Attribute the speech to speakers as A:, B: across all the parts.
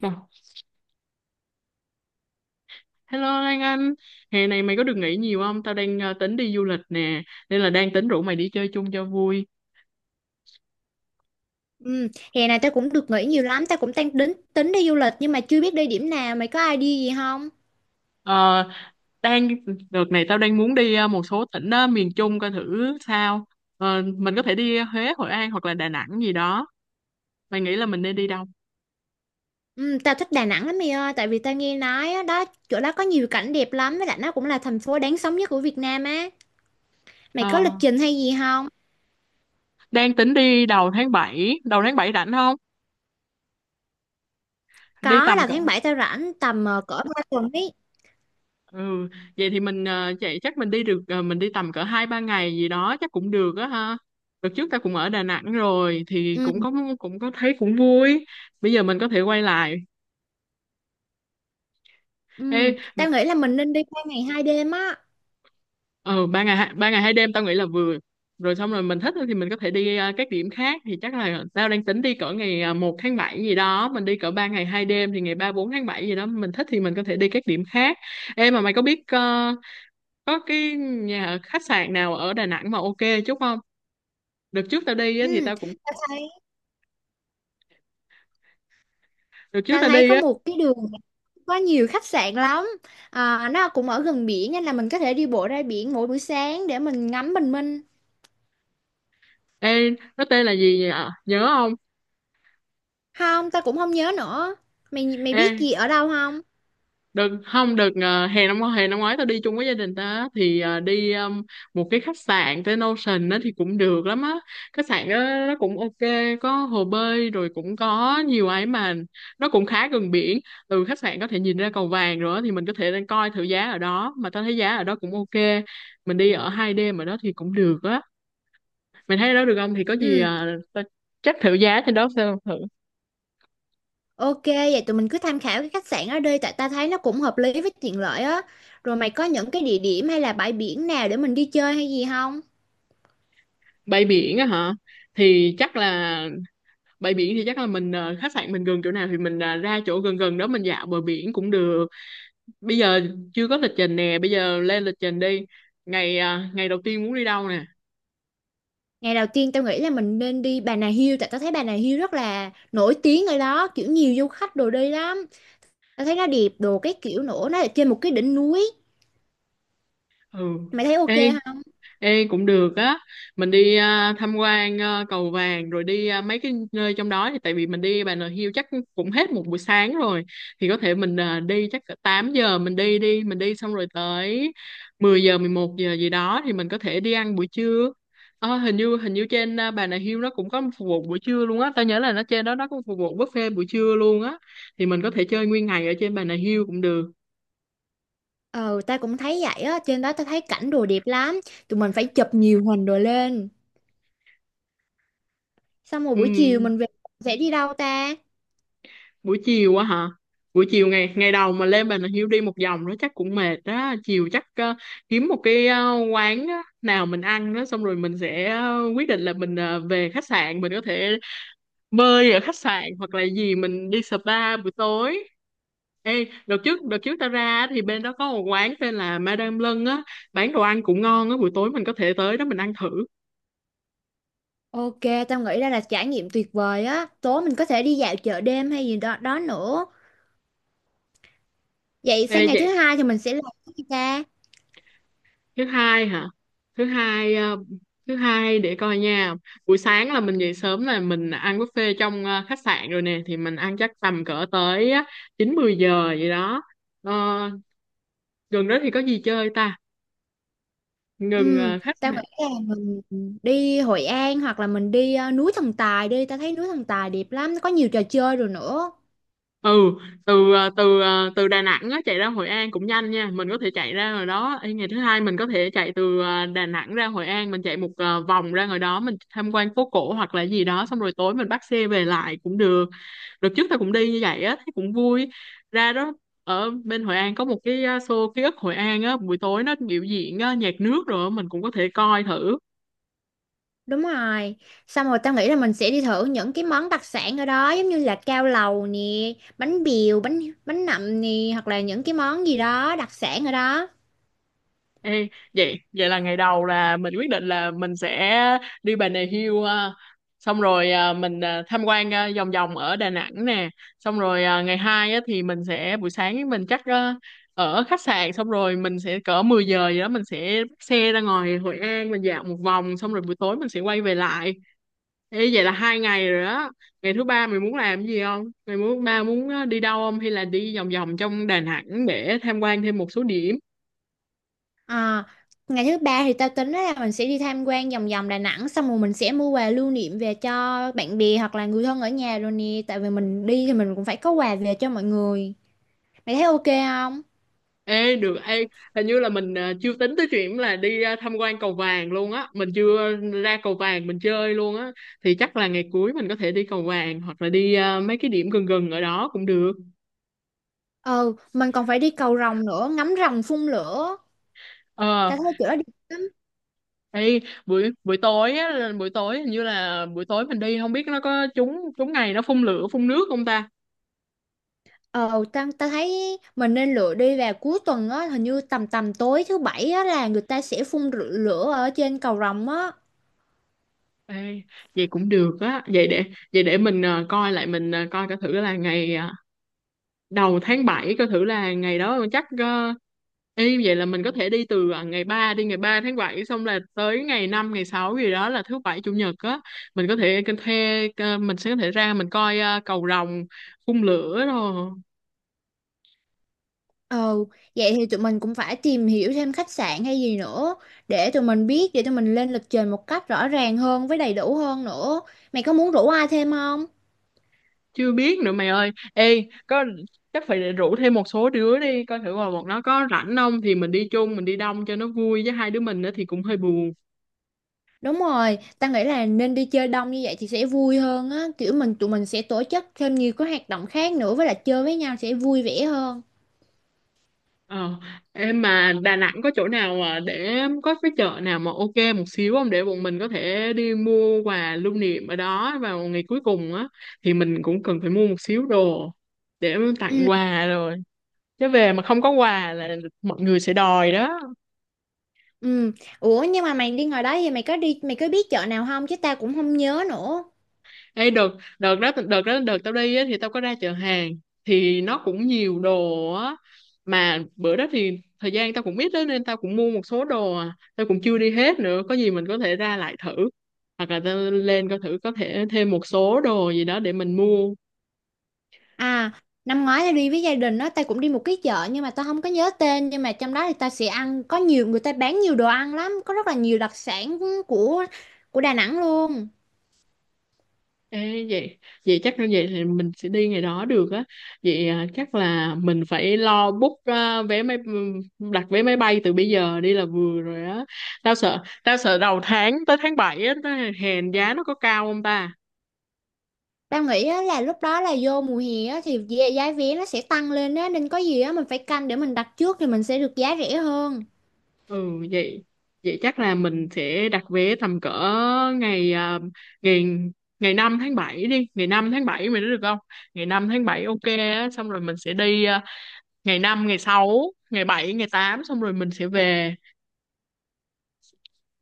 A: Bảo, hello Lan Anh, hè này mày có được nghỉ nhiều không? Tao đang tính đi du lịch nè, nên là đang tính rủ mày đi chơi chung cho vui.
B: Ừ, hè này tao cũng được nghỉ nhiều lắm, tao cũng đang tính tính đi du lịch nhưng mà chưa biết đi điểm nào, mày có idea gì không?
A: Ờ, đang Đợt này tao đang muốn đi một số tỉnh miền Trung coi thử sao. Mình có thể đi Huế, Hội An hoặc là Đà Nẵng gì đó. Mày nghĩ là mình nên đi đâu?
B: Ừ, tao thích Đà Nẵng lắm mày ơi, tại vì tao nghe nói á, đó chỗ đó có nhiều cảnh đẹp lắm với lại nó cũng là thành phố đáng sống nhất của Việt Nam á. Mày
A: Ờ,
B: có lịch trình hay gì không?
A: đang tính đi đầu tháng 7, đầu tháng 7 rảnh không? Đi
B: Có
A: tầm
B: là
A: cỡ
B: tháng 7 tao rảnh tầm cỡ 3 tuần ấy.
A: Ừ, vậy thì mình chạy, chắc mình đi được, mình đi tầm cỡ 2 3 ngày gì đó chắc cũng được á ha. Đợt trước ta cũng ở Đà Nẵng rồi thì
B: Ừ,
A: cũng có thấy cũng vui. Bây giờ mình có thể quay lại. Ê,
B: ừ, tao nghĩ là mình nên đi qua ngày 2 đêm á.
A: ừ, ba ngày hai đêm tao nghĩ là vừa rồi. Xong rồi mình thích thì mình có thể đi các điểm khác. Thì chắc là tao đang tính đi cỡ ngày 1 tháng 7 gì đó, mình đi cỡ 3 ngày 2 đêm thì ngày 3 4 tháng 7 gì đó mình thích thì mình có thể đi các điểm khác. Em mà mày có biết có cái nhà khách sạn nào ở Đà Nẵng mà ok chút không? đợt trước tao đi á, thì
B: Ừ,
A: tao cũng
B: tao thấy
A: Đợt trước
B: tao
A: tao
B: thấy
A: đi
B: có
A: á.
B: một cái đường có nhiều khách sạn lắm, à, nó cũng ở gần biển nên là mình có thể đi bộ ra biển mỗi buổi sáng để mình ngắm bình minh.
A: Ê, nó tên là gì vậy, ạ nhớ không?
B: Không, tao cũng không nhớ nữa. Mày mày
A: Ê,
B: biết gì ở đâu không?
A: đừng không được. Ờ, Hè năm ngoái tao đi chung với gia đình tao á, thì đi một cái khách sạn tên Ocean đó thì cũng được lắm á. Khách sạn đó nó cũng ok, có hồ bơi rồi cũng có nhiều ấy mà. Nó cũng khá gần biển, từ khách sạn có thể nhìn ra cầu vàng rồi á. Thì mình có thể đang coi thử giá ở đó, mà tao thấy giá ở đó cũng ok. Mình đi ở 2 đêm ở đó thì cũng được á. Mày thấy đó được không thì có gì
B: Ừ,
A: tao chắc thử giá trên đó xem thử.
B: ok vậy tụi mình cứ tham khảo cái khách sạn ở đây tại ta thấy nó cũng hợp lý với tiện lợi á. Rồi mày có những cái địa điểm hay là bãi biển nào để mình đi chơi hay gì không?
A: Bay biển á hả? Thì chắc là bãi biển thì chắc là mình, khách sạn mình gần chỗ nào thì mình ra chỗ gần gần đó mình dạo bờ biển cũng được. Bây giờ chưa có lịch trình nè, bây giờ lên lịch trình đi. Ngày ngày đầu tiên muốn đi đâu nè?
B: Ngày đầu tiên tao nghĩ là mình nên đi Bà Nà Hills, tại tao thấy Bà Nà Hills rất là nổi tiếng, ở đó kiểu nhiều du khách đồ đi lắm. Tao thấy nó đẹp đồ, cái kiểu nữa nó ở trên một cái đỉnh núi.
A: Ừ.
B: Mày thấy ok?
A: Ê, ê cũng được á, mình đi tham quan cầu vàng rồi đi mấy cái nơi trong đó. Thì tại vì mình đi Bà Nà Hills chắc cũng hết một buổi sáng rồi. Thì có thể mình đi chắc cỡ 8 giờ mình đi đi, mình đi xong rồi tới 10 giờ 11 giờ gì đó thì mình có thể đi ăn buổi trưa. Ờ, hình như trên Bà Nà Hills nó cũng có phục vụ buổi trưa luôn á, tao nhớ là nó trên đó nó cũng phục vụ buffet buổi trưa luôn á. Thì mình có thể chơi nguyên ngày ở trên Bà Nà Hills cũng được.
B: Ờ, ta cũng thấy vậy á, trên đó ta thấy cảnh đồ đẹp lắm. Tụi mình phải chụp nhiều hình đồ lên. Xong rồi buổi chiều
A: Ừ.
B: mình về sẽ đi đâu ta?
A: Buổi chiều á hả? Buổi chiều ngày ngày đầu mà lên Bà Nà Hills đi một vòng nó chắc cũng mệt đó. Chiều chắc kiếm một cái quán á nào mình ăn đó, xong rồi mình sẽ quyết định là mình về khách sạn. Mình có thể bơi ở khách sạn hoặc là gì, mình đi spa buổi tối. Ê, đợt trước tao ra á, thì bên đó có một quán tên là Madame Lân á, bán đồ ăn cũng ngon á. Buổi tối mình có thể tới đó mình ăn thử.
B: Ok, tao nghĩ đây là trải nghiệm tuyệt vời á. Tối mình có thể đi dạo chợ đêm hay gì đó đó nữa. Vậy sang
A: Ê,
B: ngày thứ
A: vậy
B: hai thì mình sẽ làm cái gì ta?
A: thứ hai hả? Thứ hai thứ hai để coi nha. Buổi sáng là mình dậy sớm là mình ăn buffet trong khách sạn rồi nè, thì mình ăn chắc tầm cỡ tới 9 10 giờ vậy đó. Ờ, gần đó thì có gì chơi ta? Gần
B: Ừ,
A: khách
B: tao
A: sạn.
B: nghĩ là mình đi Hội An hoặc là mình đi núi Thần Tài đi. Tao thấy núi Thần Tài đẹp lắm, có nhiều trò chơi rồi nữa.
A: Ừ, từ từ Đà Nẵng á, chạy ra Hội An cũng nhanh nha, mình có thể chạy ra rồi đó. Ê, ngày thứ hai mình có thể chạy từ Đà Nẵng ra Hội An, mình chạy một vòng ra ngoài đó, mình tham quan phố cổ hoặc là gì đó, xong rồi tối mình bắt xe về lại cũng được. Đợt trước tao cũng đi như vậy á, thấy cũng vui. Ra đó ở bên Hội An có một cái show ký ức Hội An á, buổi tối nó biểu diễn nhạc nước rồi á, mình cũng có thể coi thử.
B: Đúng rồi. Xong rồi tao nghĩ là mình sẽ đi thử những cái món đặc sản ở đó giống như là cao lầu nè, bánh bèo, bánh bánh nậm nè hoặc là những cái món gì đó đặc sản ở đó.
A: Ê, vậy vậy là ngày đầu là mình quyết định là mình sẽ đi Bà Nà Hills, xong rồi mình tham quan vòng vòng ở Đà Nẵng nè. Xong rồi ngày hai á thì mình sẽ buổi sáng mình chắc ở khách sạn, xong rồi mình sẽ cỡ 10 giờ gì đó mình sẽ bắt xe ra ngoài Hội An mình dạo một vòng, xong rồi buổi tối mình sẽ quay về lại. Ê, vậy là 2 ngày rồi đó. Ngày thứ ba mày muốn làm cái gì không? Ngày thứ ba muốn đi đâu không? Hay là đi vòng vòng trong Đà Nẵng để tham quan thêm một số điểm?
B: Ờ, ngày thứ ba thì tao tính là mình sẽ đi tham quan vòng vòng Đà Nẵng xong rồi mình sẽ mua quà lưu niệm về cho bạn bè hoặc là người thân ở nhà rồi nè, tại vì mình đi thì mình cũng phải có quà về cho mọi người. Mày thấy ok không?
A: Ê, được. Ê, hình như là mình chưa tính tới chuyện là đi tham quan cầu vàng luôn á. Mình chưa ra cầu vàng mình chơi luôn á. Thì chắc là ngày cuối mình có thể đi cầu vàng hoặc là đi mấy cái điểm gần gần ở đó cũng được.
B: Ừ, mình còn phải đi cầu rồng nữa, ngắm rồng phun lửa. Tao
A: Ờ,
B: thấy chỗ đó đẹp.
A: ê, buổi buổi tối á, là buổi tối hình như là buổi tối mình đi không biết nó có trúng, trúng ngày nó phun lửa phun nước không ta?
B: Ờ, ta thấy mình nên lựa đi vào cuối tuần á, hình như tầm tầm tối thứ bảy á là người ta sẽ lửa ở trên cầu rồng á.
A: Ê, vậy cũng được á. Vậy để mình coi lại, mình coi coi thử là ngày đầu tháng 7, coi thử là ngày đó chắc y vậy là mình có thể đi từ ngày ba, đi ngày 3 tháng 7, xong là tới ngày 5 ngày 6 gì đó là thứ bảy chủ nhật á. Mình có thể cái thuê mình sẽ có thể ra mình coi cầu rồng phun lửa rồi.
B: Ờ, vậy thì tụi mình cũng phải tìm hiểu thêm khách sạn hay gì nữa để tụi mình biết, để tụi mình lên lịch trình một cách rõ ràng hơn với đầy đủ hơn nữa. Mày có muốn rủ ai thêm không?
A: Chưa biết nữa mày ơi. Ê, có, chắc phải rủ thêm một số đứa đi coi thử, mà một nó có rảnh không thì mình đi chung, mình đi đông cho nó vui, với hai đứa mình nữa thì cũng hơi buồn.
B: Đúng rồi, ta nghĩ là nên đi chơi đông như vậy thì sẽ vui hơn á, kiểu mình tụi mình sẽ tổ chức thêm nhiều cái hoạt động khác nữa với lại chơi với nhau sẽ vui vẻ hơn.
A: Ờ, em mà Đà Nẵng có chỗ nào mà để có cái chợ nào mà ok một xíu không, để bọn mình có thể đi mua quà lưu niệm ở đó vào ngày cuối cùng á. Thì mình cũng cần phải mua một xíu đồ để tặng
B: Ừ.
A: quà rồi, chứ về mà không có quà là mọi người sẽ đòi đó.
B: Ừ. Ủa nhưng mà mày đi ngoài đó thì mày có đi mày có biết chợ nào không, chứ tao cũng không nhớ nữa.
A: Ê, đợt, đợt đó đợt đó đợt tao đi á, thì tao có ra chợ hàng thì nó cũng nhiều đồ á. Mà bữa đó thì thời gian tao cũng ít đó nên tao cũng mua một số đồ. Tao cũng chưa đi hết nữa, có gì mình có thể ra lại thử, hoặc là tao lên coi thử có thể thêm một số đồ gì đó để mình mua.
B: À, năm ngoái tao đi với gia đình đó, tao cũng đi một cái chợ nhưng mà tao không có nhớ tên, nhưng mà trong đó thì tao sẽ ăn, có nhiều người ta bán nhiều đồ ăn lắm, có rất là nhiều đặc sản của của Đà Nẵng luôn.
A: Ê, vậy vậy chắc như vậy thì mình sẽ đi ngày đó được á. Vậy chắc là mình phải lo book vé máy, đặt vé máy bay từ bây giờ đi là vừa rồi á. Tao sợ đầu tháng tới tháng 7 á, tới hèn giá nó có cao không ta?
B: Tao nghĩ á, là lúc đó là vô mùa hè á, thì giá giá vé nó sẽ tăng lên á, nên có gì á mình phải canh để mình đặt trước thì mình sẽ được giá rẻ hơn.
A: Ừ, vậy vậy chắc là mình sẽ đặt vé tầm cỡ ngày à, ngày ngày 5 tháng 7, đi ngày 5 tháng 7 mày nói được không? Ngày 5 tháng 7 ok á, xong rồi mình sẽ đi ngày 5 ngày 6 ngày 7 ngày 8, xong rồi mình sẽ về.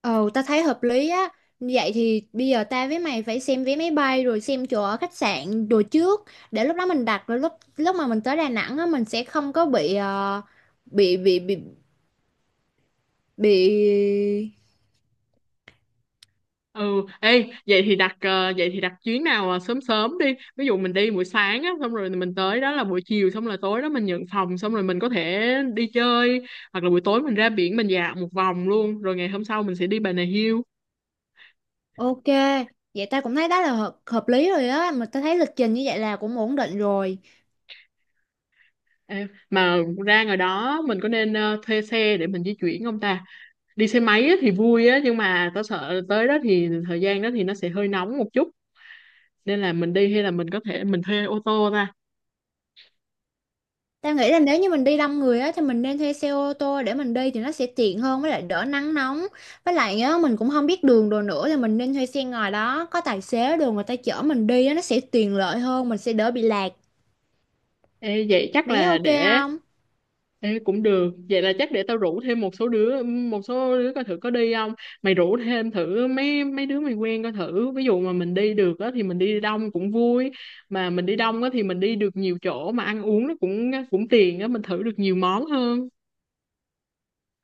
B: Ồ, ta thấy hợp lý á. Vậy thì bây giờ ta với mày phải xem vé máy bay rồi xem chỗ ở khách sạn đồ trước để lúc đó mình đặt, rồi lúc lúc mà mình tới Đà Nẵng á mình sẽ không có bị bị bị bị bị
A: Ừ, ê, vậy thì đặt vậy thì đặt chuyến nào sớm sớm đi. Ví dụ mình đi buổi sáng á, xong rồi mình tới đó là buổi chiều, xong là tối đó mình nhận phòng, xong rồi mình có thể đi chơi, hoặc là buổi tối mình ra biển mình dạo một vòng luôn, rồi ngày hôm sau mình sẽ đi Bà Nà Hills.
B: ok. Vậy ta cũng thấy đó là hợp lý rồi á, mà ta thấy lịch trình như vậy là cũng ổn định rồi.
A: Ê, mà ra ngoài đó mình có nên thuê xe để mình di chuyển không ta? Đi xe máy á thì vui á, nhưng mà tao sợ tới đó thì thời gian đó thì nó sẽ hơi nóng một chút, nên là mình đi hay là mình có thể mình thuê ô tô ta?
B: Tao nghĩ là nếu như mình đi đông người á thì mình nên thuê xe ô tô để mình đi thì nó sẽ tiện hơn với lại đỡ nắng nóng. Với lại á mình cũng không biết đường đồ nữa thì mình nên thuê xe ngoài đó, có tài xế đường người ta chở mình đi á, nó sẽ tiện lợi hơn, mình sẽ đỡ bị lạc.
A: Ê, vậy chắc
B: Mày thấy
A: là
B: ok
A: để.
B: không?
A: Ê, cũng được, vậy là chắc để tao rủ thêm một số đứa, coi thử có đi không. Mày rủ thêm thử mấy mấy đứa mày quen coi thử, ví dụ mà mình đi được á thì mình đi đông cũng vui. Mà mình đi đông á thì mình đi được nhiều chỗ, mà ăn uống nó cũng cũng tiền á, mình thử được nhiều món hơn.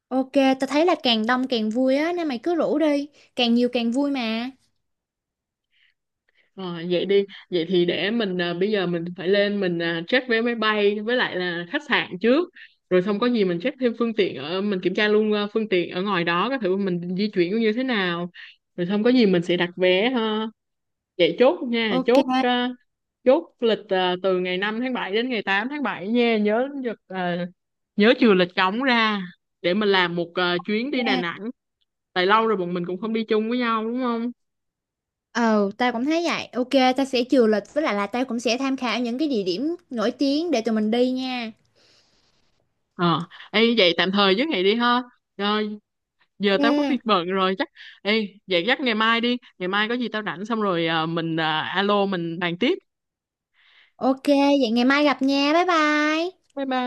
B: Ok, tao thấy là càng đông càng vui á nên mày cứ rủ đi, càng nhiều càng vui mà.
A: Ờ, vậy đi, vậy thì để mình bây giờ mình phải lên mình check vé máy bay với lại là khách sạn trước, rồi xong có gì mình check thêm phương tiện ở, mình kiểm tra luôn phương tiện ở ngoài đó coi thử mình di chuyển như thế nào, rồi xong có gì mình sẽ đặt vé ha. Vậy chốt nha,
B: Ok.
A: chốt chốt lịch từ ngày 5 tháng 7 đến ngày 8 tháng 7 nha, nhớ giật, nhớ trừ lịch cống ra để mình làm một chuyến đi Đà
B: Nha.
A: Nẵng. Tại lâu rồi bọn mình cũng không đi chung với nhau đúng không?
B: Ờ, tao cũng thấy vậy. Ok, tao sẽ chừa lịch với lại là tao cũng sẽ tham khảo những cái địa điểm nổi tiếng để tụi mình đi nha.
A: Ờ, ê, vậy tạm thời với ngày đi ha. Ờ, giờ tao có
B: Ok,
A: việc bận rồi chắc. Ê, vậy chắc ngày mai đi, ngày mai có gì tao rảnh, xong rồi mình alo mình bàn tiếp.
B: ok, vậy ngày mai gặp nha. Bye bye.
A: Bye bye.